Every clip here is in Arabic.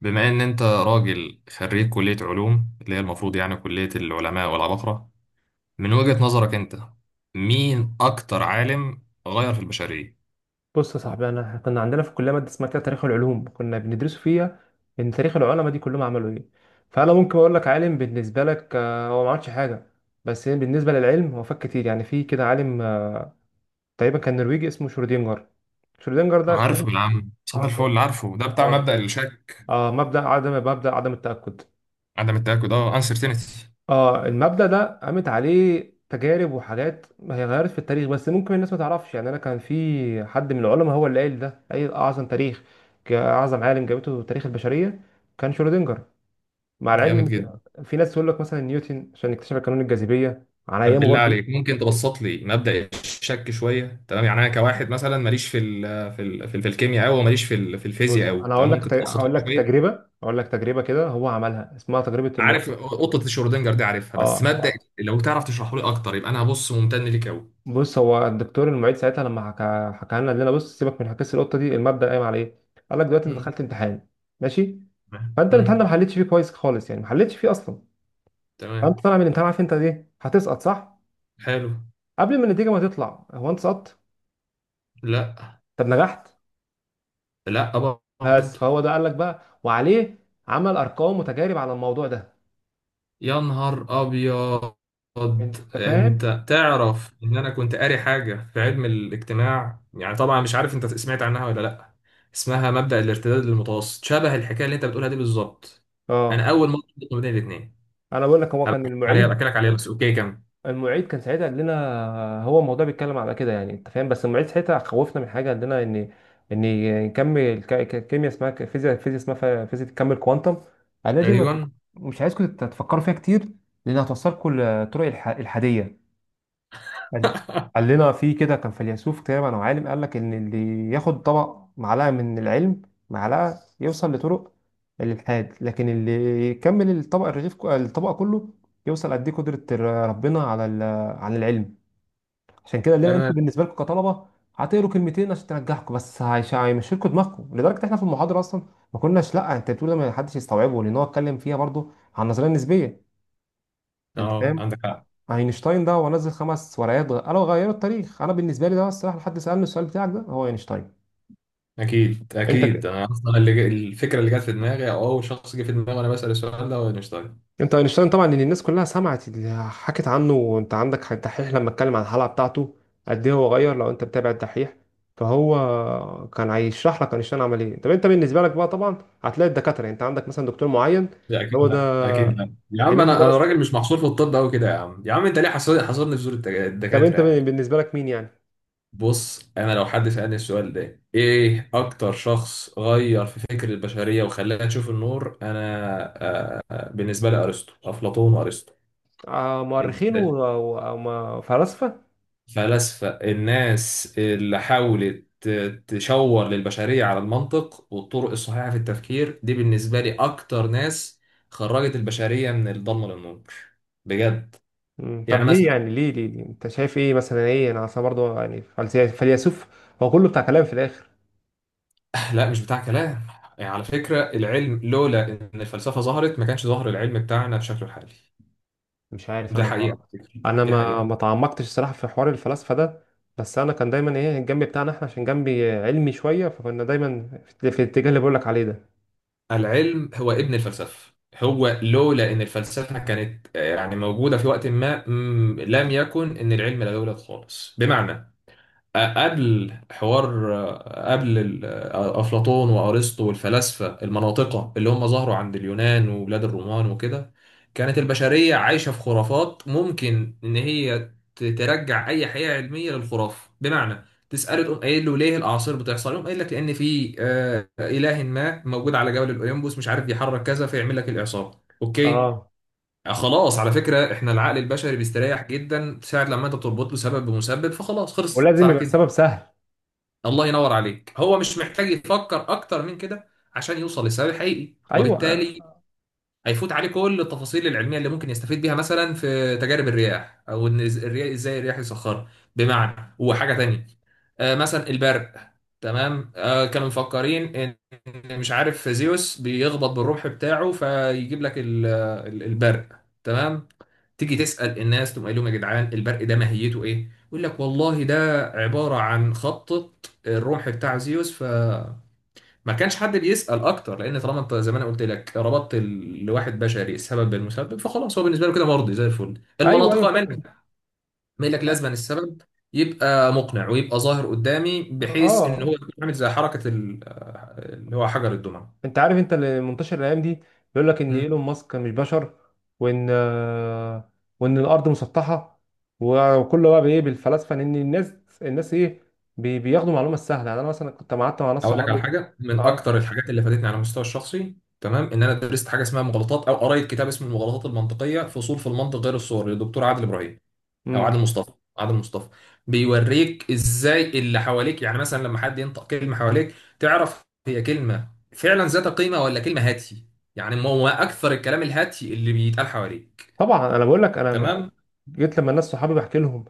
بما ان انت راجل خريج كلية علوم اللي هي المفروض يعني كلية العلماء والعباقرة، من وجهة نظرك انت، مين اكتر عالم غير في البشرية؟ بص يا صاحبي، انا كنا عندنا في الكليه ماده اسمها كده تاريخ العلوم، كنا بندرسه فيها ان تاريخ العلماء دي كلهم عملوا ايه. فانا ممكن اقول لك عالم بالنسبه لك هو ما عملش حاجه، بس بالنسبه للعلم هو فات كتير. يعني في كده عالم تقريبا كان نرويجي اسمه شرودينجر. شرودينجر ده اكتشف. عارف بالعام صباح الفل اه. اللي عارفه ده بتاع اه. مبدأ الشك. مبدا عدم التاكد. عدم التأكد، اه، uncertainty. اه، المبدأ ده قامت عليه تجارب وحاجات هي غيرت في التاريخ، بس ممكن الناس ما تعرفش. يعني انا كان في حد من العلماء هو اللي قال ده، قال اعظم تاريخ، اعظم عالم جابته تاريخ البشريه كان شرودنجر. مع العلم ان جامد جدا. في ناس تقول لك مثلا نيوتن عشان اكتشف قانون الجاذبيه على طب ايامه بالله برضه. عليك، ممكن تبسط لي مبدأ الشك شوية؟ تمام يعني انا كواحد مثلا ماليش في الكيمياء قوي، وماليش في الفيزياء بص قوي. انا هقول تمام لك ممكن تبسطه لي اقول لك شوية؟ تجربه اقول لك تجربه كده هو عملها، اسمها تجربه عارف اللوتس. قطه شرودنجر دي؟ عارفها، بس اه. مبدأ، لو تعرف تشرحه لي اكتر يبقى انا هبص ممتن ليك قوي. بص، هو الدكتور المعيد ساعتها لما حكى لنا، قال لنا بص سيبك من حكايه القطه دي، المبدا قايم على ايه؟ قال لك دلوقتي انت مم. دخلت امتحان، ماشي؟ فانت الامتحان ده ما امم. حلتش فيه كويس خالص، يعني ما حلتش فيه اصلا. فانت تمام. طالع من الامتحان عارف انت ايه؟ هتسقط، صح؟ حلو. قبل ما النتيجه ما تطلع، هو انت سقطت؟ لا. طب نجحت؟ لا. بس برضه. فهو ده قال لك بقى، وعليه عمل ارقام وتجارب على الموضوع ده. يا نهار ابيض. انت فاهم؟ انت تعرف ان انا كنت قاري حاجه في علم الاجتماع، يعني طبعا مش عارف انت سمعت عنها ولا لا، اسمها مبدأ الارتداد المتوسط، شبه الحكايه اللي انت بتقولها دي بالظبط. اه، انا اول مره شفت ما بين الاثنين. انا بقول لك هو كان هبقى المعيد. احكي لك عليها، بس اوكي كمل. المعيد كان ساعتها قال لنا هو الموضوع بيتكلم على كده، يعني انت فاهم. بس المعيد ساعتها خوفنا من حاجه، قال لنا ان ان نكمل كيمياء اسمها فيزياء اسمها فيزياء تكمل كوانتم. قال لنا دي ايوه. مش عايزكم تفكروا فيها كتير، لان هتوصلكم لطرق الحاديه. قال قال لنا في كده كان فيلسوف تقريبا او عالم، قال لك ان اللي ياخد طبق معلقه من العلم، معلقه، يوصل لطرق الالحاد، لكن اللي يكمل الطبق الرغيف الطبق كله يوصل قد ايه قدره ربنا عن العلم. عشان كده قال لنا انتوا تمام. بالنسبه لكم كطلبه هتقروا كلمتين عشان تنجحكم بس، هيمشي لكم دماغكم لدرجه احنا في المحاضره اصلا ما كناش، لا انت بتقول ما حدش يستوعبه، لان هو اتكلم فيها برضو عن النظريه النسبيه. انت اه، فاهم. عندك حق. اينشتاين ده هو نزل 5 ورقات قالوا غيروا التاريخ. انا بالنسبه لي ده، الصراحه، لحد سالني السؤال بتاعك ده، هو اينشتاين. اكيد، انت اكيد، ك... انا اصلا الفكره اللي جت في دماغي، او اول شخص جه في دماغي وانا بسال السؤال ده، هو اينشتاين. انت اينشتاين طبعا، ان الناس كلها سمعت اللي حكت عنه، وانت عندك حق. الدحيح لما اتكلم عن الحلقه بتاعته قد ايه هو غير، لو انت بتابع الدحيح فهو كان هيشرح لك اينشتاين عمل ايه. طب انت بالنسبه لك بقى طبعا هتلاقي الدكاتره، يعني انت عندك مثلا دكتور معين، لا اكيد، هو ده، لا اكيد، لا يا لان عم، انت انا درست. راجل مش محصور في الطب قوي كده، يا عم يا عم، انت ليه حصرني في زور طب الدكاتره انت يعني؟ بالنسبه لك مين يعني؟ بص انا لو حد سالني السؤال ده، ايه اكتر شخص غير في فكر البشريه وخلاها تشوف النور، انا بالنسبه لي ارسطو، افلاطون وارسطو. آه، مؤرخين بالنسبه لي. وفلاسفه. فلاسفة، الناس اللي حاولت تشور للبشرية على المنطق والطرق الصحيحة في التفكير، دي بالنسبة لي أكتر ناس خرجت البشرية من الضلمة للنور. بجد. مم. يعني طب ليه مثلا، يعني، ليه، ليه، ليه؟ انت شايف ايه مثلا؟ ايه، انا اصلا برضه يعني فيلسوف هو كله بتاع كلام في الاخر. لا مش بتاع كلام. يعني على فكرة، العلم لولا إن الفلسفة ظهرت ما كانش ظهر العلم بتاعنا بشكله الحالي. مش عارف، ده انا ما حقيقة. انا دي ما حقيقة. ما تعمقتش الصراحه في حوار الفلاسفه ده. بس انا كان دايما ايه الجنب بتاعنا احنا عشان جنبي علمي شويه، فكنا دايما في الاتجاه اللي بقول لك عليه ده. العلم هو ابن الفلسفة، هو لولا إن الفلسفة كانت يعني موجودة في وقت ما، لم يكن إن العلم لا يولد خالص، بمعنى، قبل حوار، قبل ال- أفلاطون وأرسطو والفلاسفة المناطقة اللي هم ظهروا عند اليونان وبلاد الرومان وكده، كانت البشرية عايشة في خرافات ممكن إن هي ترجع أي حقيقة علمية للخرافة. بمعنى، تسأله تقوم قايل له ليه الأعاصير بتحصل؟ يقوم قايل لك لأن في إله ما موجود على جبل الأوليمبوس مش عارف، يحرك كذا فيعمل لك الإعصار. أوكي. اه، خلاص، على فكرة احنا العقل البشري بيستريح جدا ساعة لما انت بتربط له سبب بمسبب فخلاص، خلصت ولازم على يبقى كده. السبب سهل. الله ينور عليك، هو مش محتاج يفكر اكتر من كده عشان يوصل للسبب الحقيقي، ايوه، وبالتالي هيفوت عليه كل التفاصيل العلميه اللي ممكن يستفيد بيها، مثلا في تجارب الرياح، او ان الرياح، ازاي الرياح يسخرها، بمعنى هو حاجه تانية. مثلا البرق. تمام، كانوا مفكرين إن مش عارف زيوس بيخبط بالرمح بتاعه فيجيب لك البرق. تمام. تيجي تسأل الناس تقوم قايل لهم يا جدعان البرق ده ماهيته ايه؟ يقول لك والله ده عبارة عن خبطة الرمح بتاع زيوس. ما كانش حد بيسأل اكتر، لان طالما انت زي ما انا قلت لك ربطت لواحد بشري السبب بالمسبب فخلاص، هو بالنسبه له كده مرضي زي الفل، ايوه، المناطق ايوه، امان. فاهم. يقول لك لازما السبب يبقى مقنع ويبقى ظاهر قدامي، بحيث ان هو اه، يكون عامل زي حركه اللي هو حجر الدمعه. انت عارف انت اللي منتشر الايام دي بيقول لك ان مم. ايلون ماسك مش بشر، وان آه، وان الارض مسطحه، وكله بقى بايه؟ بالفلسفه، ان الناس ايه، بياخدوا معلومه سهله. يعني انا مثلا كنت قعدت مع ناس اقول لك على صحابي. حاجه من اه. اكتر الحاجات اللي فادتني على المستوى الشخصي، تمام، ان انا درست حاجه اسمها مغالطات، او قريت كتاب اسمه المغالطات المنطقيه، فصول في المنطق غير الصوري، للدكتور عادل ابراهيم، او عادل امم. مصطفى. عادل مصطفى. بيوريك ازاي اللي حواليك، يعني مثلا لما حد ينطق كلمه حواليك تعرف هي كلمه فعلا ذات قيمه ولا كلمه هاتي، يعني ما هو اكثر الكلام الهاتي اللي بيتقال حواليك. طبعا انا بقول لك، انا ما- تمام. جيت لما الناس صحابي بحكي لهم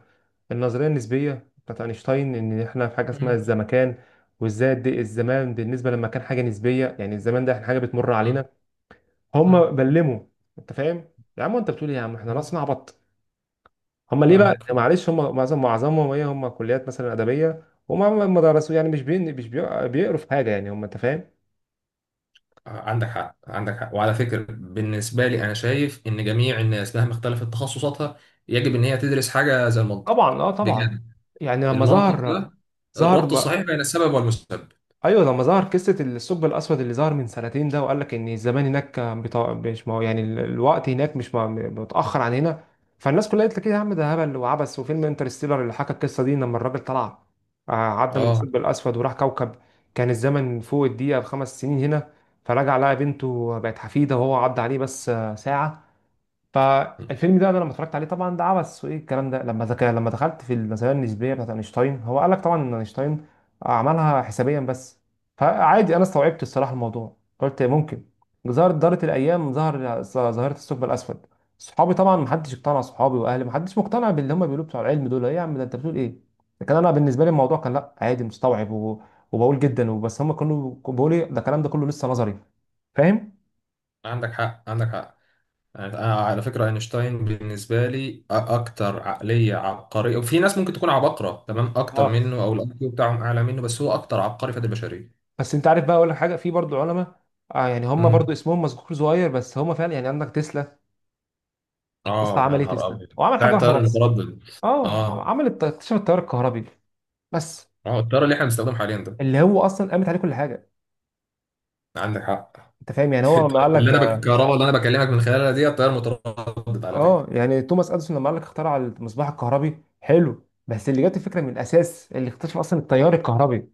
النظريه النسبيه بتاعت اينشتاين ان احنا في حاجه اسمها مم. الزمكان، وازاي قد إيه الزمان بالنسبه لما كان حاجه نسبيه، يعني الزمان ده احنا حاجه بتمر مم. علينا. هم بلموا، انت فاهم؟ يا عم انت بتقول ايه يا عم، احنا مم. ناس نعبط. هم ليه بقى؟ فاهمك فاهمك. معلش هم معظمهم ايه، هم كليات مثلا ادبيه، وما ما درسوا، يعني مش بيقروا في حاجه، يعني هم، انت فاهم. عندك حق، عندك حق، وعلى فكره بالنسبه لي انا شايف ان جميع الناس مهما اختلفت تخصصاتها يجب ان هي تدرس حاجه زي المنطق. طبعا، اه، طبعا. بجد. يعني لما المنطق ظهر، ده ظهر الربط الصحيح بين السبب والمسبب. ايوه، لما ظهر قصه الثقب الاسود اللي ظهر من سنتين ده، وقال لك ان الزمان هناك كان مش ما هو، يعني الوقت هناك مش متاخر عن هنا. فالناس كلها قالت لك ايه يا عم، ده هبل وعبث، وفيلم انترستيلر اللي حكى القصه دي، لما الراجل طلع عدى من اه، الثقب الاسود وراح كوكب، كان الزمن فوق الدقيقه ب5 سنين هنا، فرجع لقى بنته بقت حفيده وهو عدى عليه بس ساعه. فالفيلم ده انا لما اتفرجت عليه طبعا ده عبث وايه الكلام ده، لما دخلت في النظريه النسبيه بتاعت اينشتاين هو قال لك طبعا ان اينشتاين عملها حسابيا بس، فعادي انا استوعبت الصراحه الموضوع قلت ممكن. دارت الايام ظهر ظاهره الثقب الاسود. صحابي طبعا محدش اقتنع، صحابي واهلي محدش مقتنع باللي هم بيقولوا، بتوع العلم دول ايه يا عم؟ ده انت بتقول ايه؟ لكن انا بالنسبه لي الموضوع كان لا، عادي، مستوعب وبقول جدا وبس. هم كانوا بيقولوا إيه، ده الكلام ده كله لسه نظري. فاهم. عندك حق، عندك حق. أنا على فكرة أينشتاين بالنسبة لي أكتر عقلية عبقرية، وفي ناس ممكن تكون عباقرة تمام أكتر اه، منه، أو الأي كيو بتاعهم أعلى منه، بس هو أكتر عبقري في البشرية. بس انت عارف بقى، اقول لك حاجه في برضو علماء يعني هم برضو امم. اسمهم مذكور صغير، بس هم فعلا يعني عندك تسلا. تسلا آه، يا عمل ايه؟ نهار تسلا أبيض. هو عمل بتاع حاجه واحده التيار بس. المتردد. اه، آه. اكتشف التيار الكهربي. بس آه، التيار اللي إحنا بنستخدمه حاليا ده. اللي هو اصلا قامت عليه كل حاجه. عندك حق. انت فاهم، يعني هو لما قال لك الكهرباء اللي أنا بكلمك من خلالها دي التيار المتردد، على فكرة. اه يعني توماس اديسون لما قال لك اخترع المصباح الكهربي، حلو، بس اللي جات الفكره من الاساس، اللي اكتشف اصلا التيار الكهربي.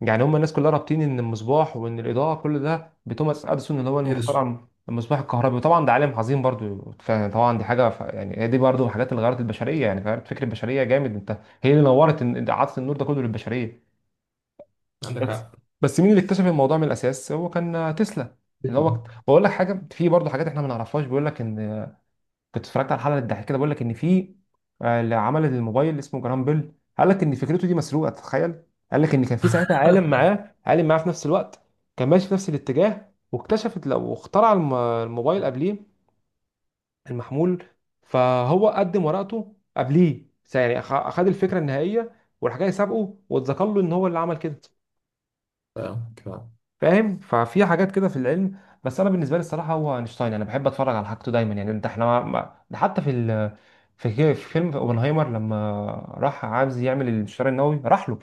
يعني هم الناس كلها رابطين ان المصباح وان الاضاءه كل ده بتوماس اديسون اللي هو إيه ده؟ المخترع، المصباح الكهربي، وطبعا ده عالم عظيم برضو. فطبعا دي حاجه يعني هي دي برضو من الحاجات اللي غيرت البشريه، يعني غيرت فكر البشريه جامد. انت، هي اللي نورت، عطت النور ده كله للبشريه، عندك بس حق. بس مين اللي اكتشف الموضوع من الاساس؟ هو كان تسلا. اللي هو بقول لك حاجه في برضو حاجات احنا ما نعرفهاش. بيقول لك ان كنت اتفرجت على حلقه الضحك كده، بقول لك ان في اللي عمل الموبايل اسمه جرام بيل. قال لك ان فكرته دي مسروقه، تتخيل. قال لك ان كان في ساعتها عالم معاه في نفس الوقت كان ماشي في نفس الاتجاه، واكتشفت لو اخترع الموبايل قبليه، المحمول. فهو قدم ورقته قبليه، يعني اخد الفكره النهائيه والحاجه اللي سابقه، واتذكر له ان هو اللي عمل كده. كفاية. فاهم. ففي حاجات كده في العلم، بس انا بالنسبه لي الصراحه هو اينشتاين. انا بحب اتفرج على حاجته دايما، يعني انت احنا ده حتى في ال... في في فيلم اوبنهايمر لما راح عايز يعمل الانشتار النووي راح له.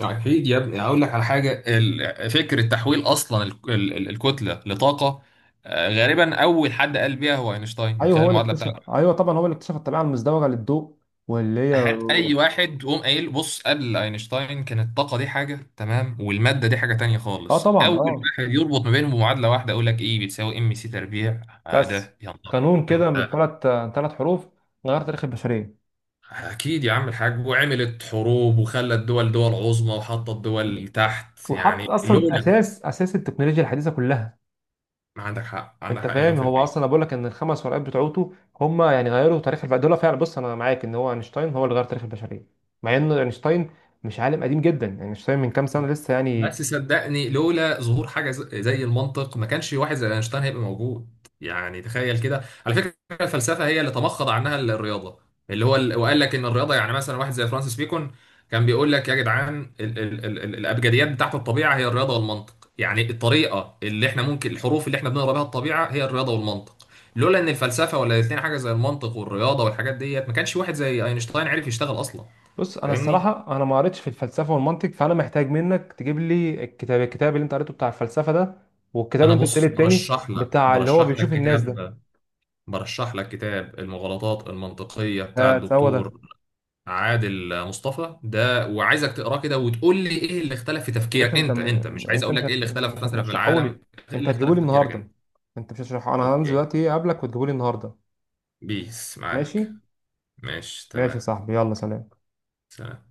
أكيد يا ابني، هقول لك على حاجة، فكرة تحويل أصلا الكتلة لطاقة، غالبا أول حد قال بيها هو أينشتاين من ايوه خلال هو اللي المعادلة بتاعته. اكتشف، ايوه طبعا هو اللي اكتشف الطبيعه المزدوجه للضوء واللي هي، أي واحد قوم قايل بص، قبل أينشتاين كانت الطاقة دي حاجة، تمام، والمادة دي حاجة تانية اه، خالص، طبعا، أول اه، واحد يربط ما بينهم بمعادلة واحدة، أقول لك إيه، بتساوي mc². بس ده يا نهار. قانون كده أنت من 3 حروف غير تاريخ البشريه، أكيد يا عم الحاج، وعملت حروب وخلت دول دول عظمى وحطت دول تحت، يعني وحط اصلا لولا. اساس التكنولوجيا الحديثه كلها. ما عندك حق، عندك انت حق مليون فاهم، في هو المية. اصلا انا بقول لك ان ال5 ورقات بتوعته هم يعني غيروا تاريخ دول فعلا. بص انا معاك ان هو اينشتاين هو اللي غير تاريخ البشريه، مع ان اينشتاين مش عالم قديم جدا يعني، اينشتاين من كام سنه لسه يعني. بس صدقني لولا ظهور حاجه زي المنطق ما كانش واحد زي اينشتاين هيبقى موجود، يعني تخيل كده. على فكره، الفلسفه هي اللي تمخض عنها الرياضه. وقال لك ان الرياضه، يعني مثلا واحد زي فرانسيس بيكون كان بيقول لك يا جدعان ال ال ال ال الابجديات بتاعت الطبيعه هي الرياضه والمنطق، يعني الطريقه اللي احنا ممكن، الحروف اللي احنا بنقرا بها الطبيعه هي الرياضه والمنطق. لولا ان الفلسفه، ولا الاثنين حاجه زي المنطق والرياضه والحاجات ديت، ما كانش واحد زي اينشتاين عرف يشتغل اصلا. بص انا فاهمني. الصراحه انا ما قريتش في الفلسفه والمنطق، فانا محتاج منك تجيب لي الكتاب اللي انت قريته بتاع الفلسفه ده، والكتاب اللي انا انت بص، التاني برشح لك بتاع اللي هو برشح لك بيشوف الناس ده. كتاب، برشح لك كتاب المغالطات المنطقية بتاع ها هو ده. الدكتور عادل مصطفى ده، وعايزك تقراه كده وتقول لي ايه اللي اختلف في يا باشا تفكيرك انت انت. م... انت مش عايز انت اقول مش لك ايه هت... اللي اختلف مش مثلا في هترشحه العالم. لي، ايه انت اللي هتجيبه اختلف لي في تفكيرك النهارده. انت؟ انت مش هترشحه، انا هنزل اوكي. دلوقتي اقابلك وتجيبه لي النهارده. بيس ماشي. معاك. ماشي ماشي يا تمام. صاحبي، يلا سلام. سلام.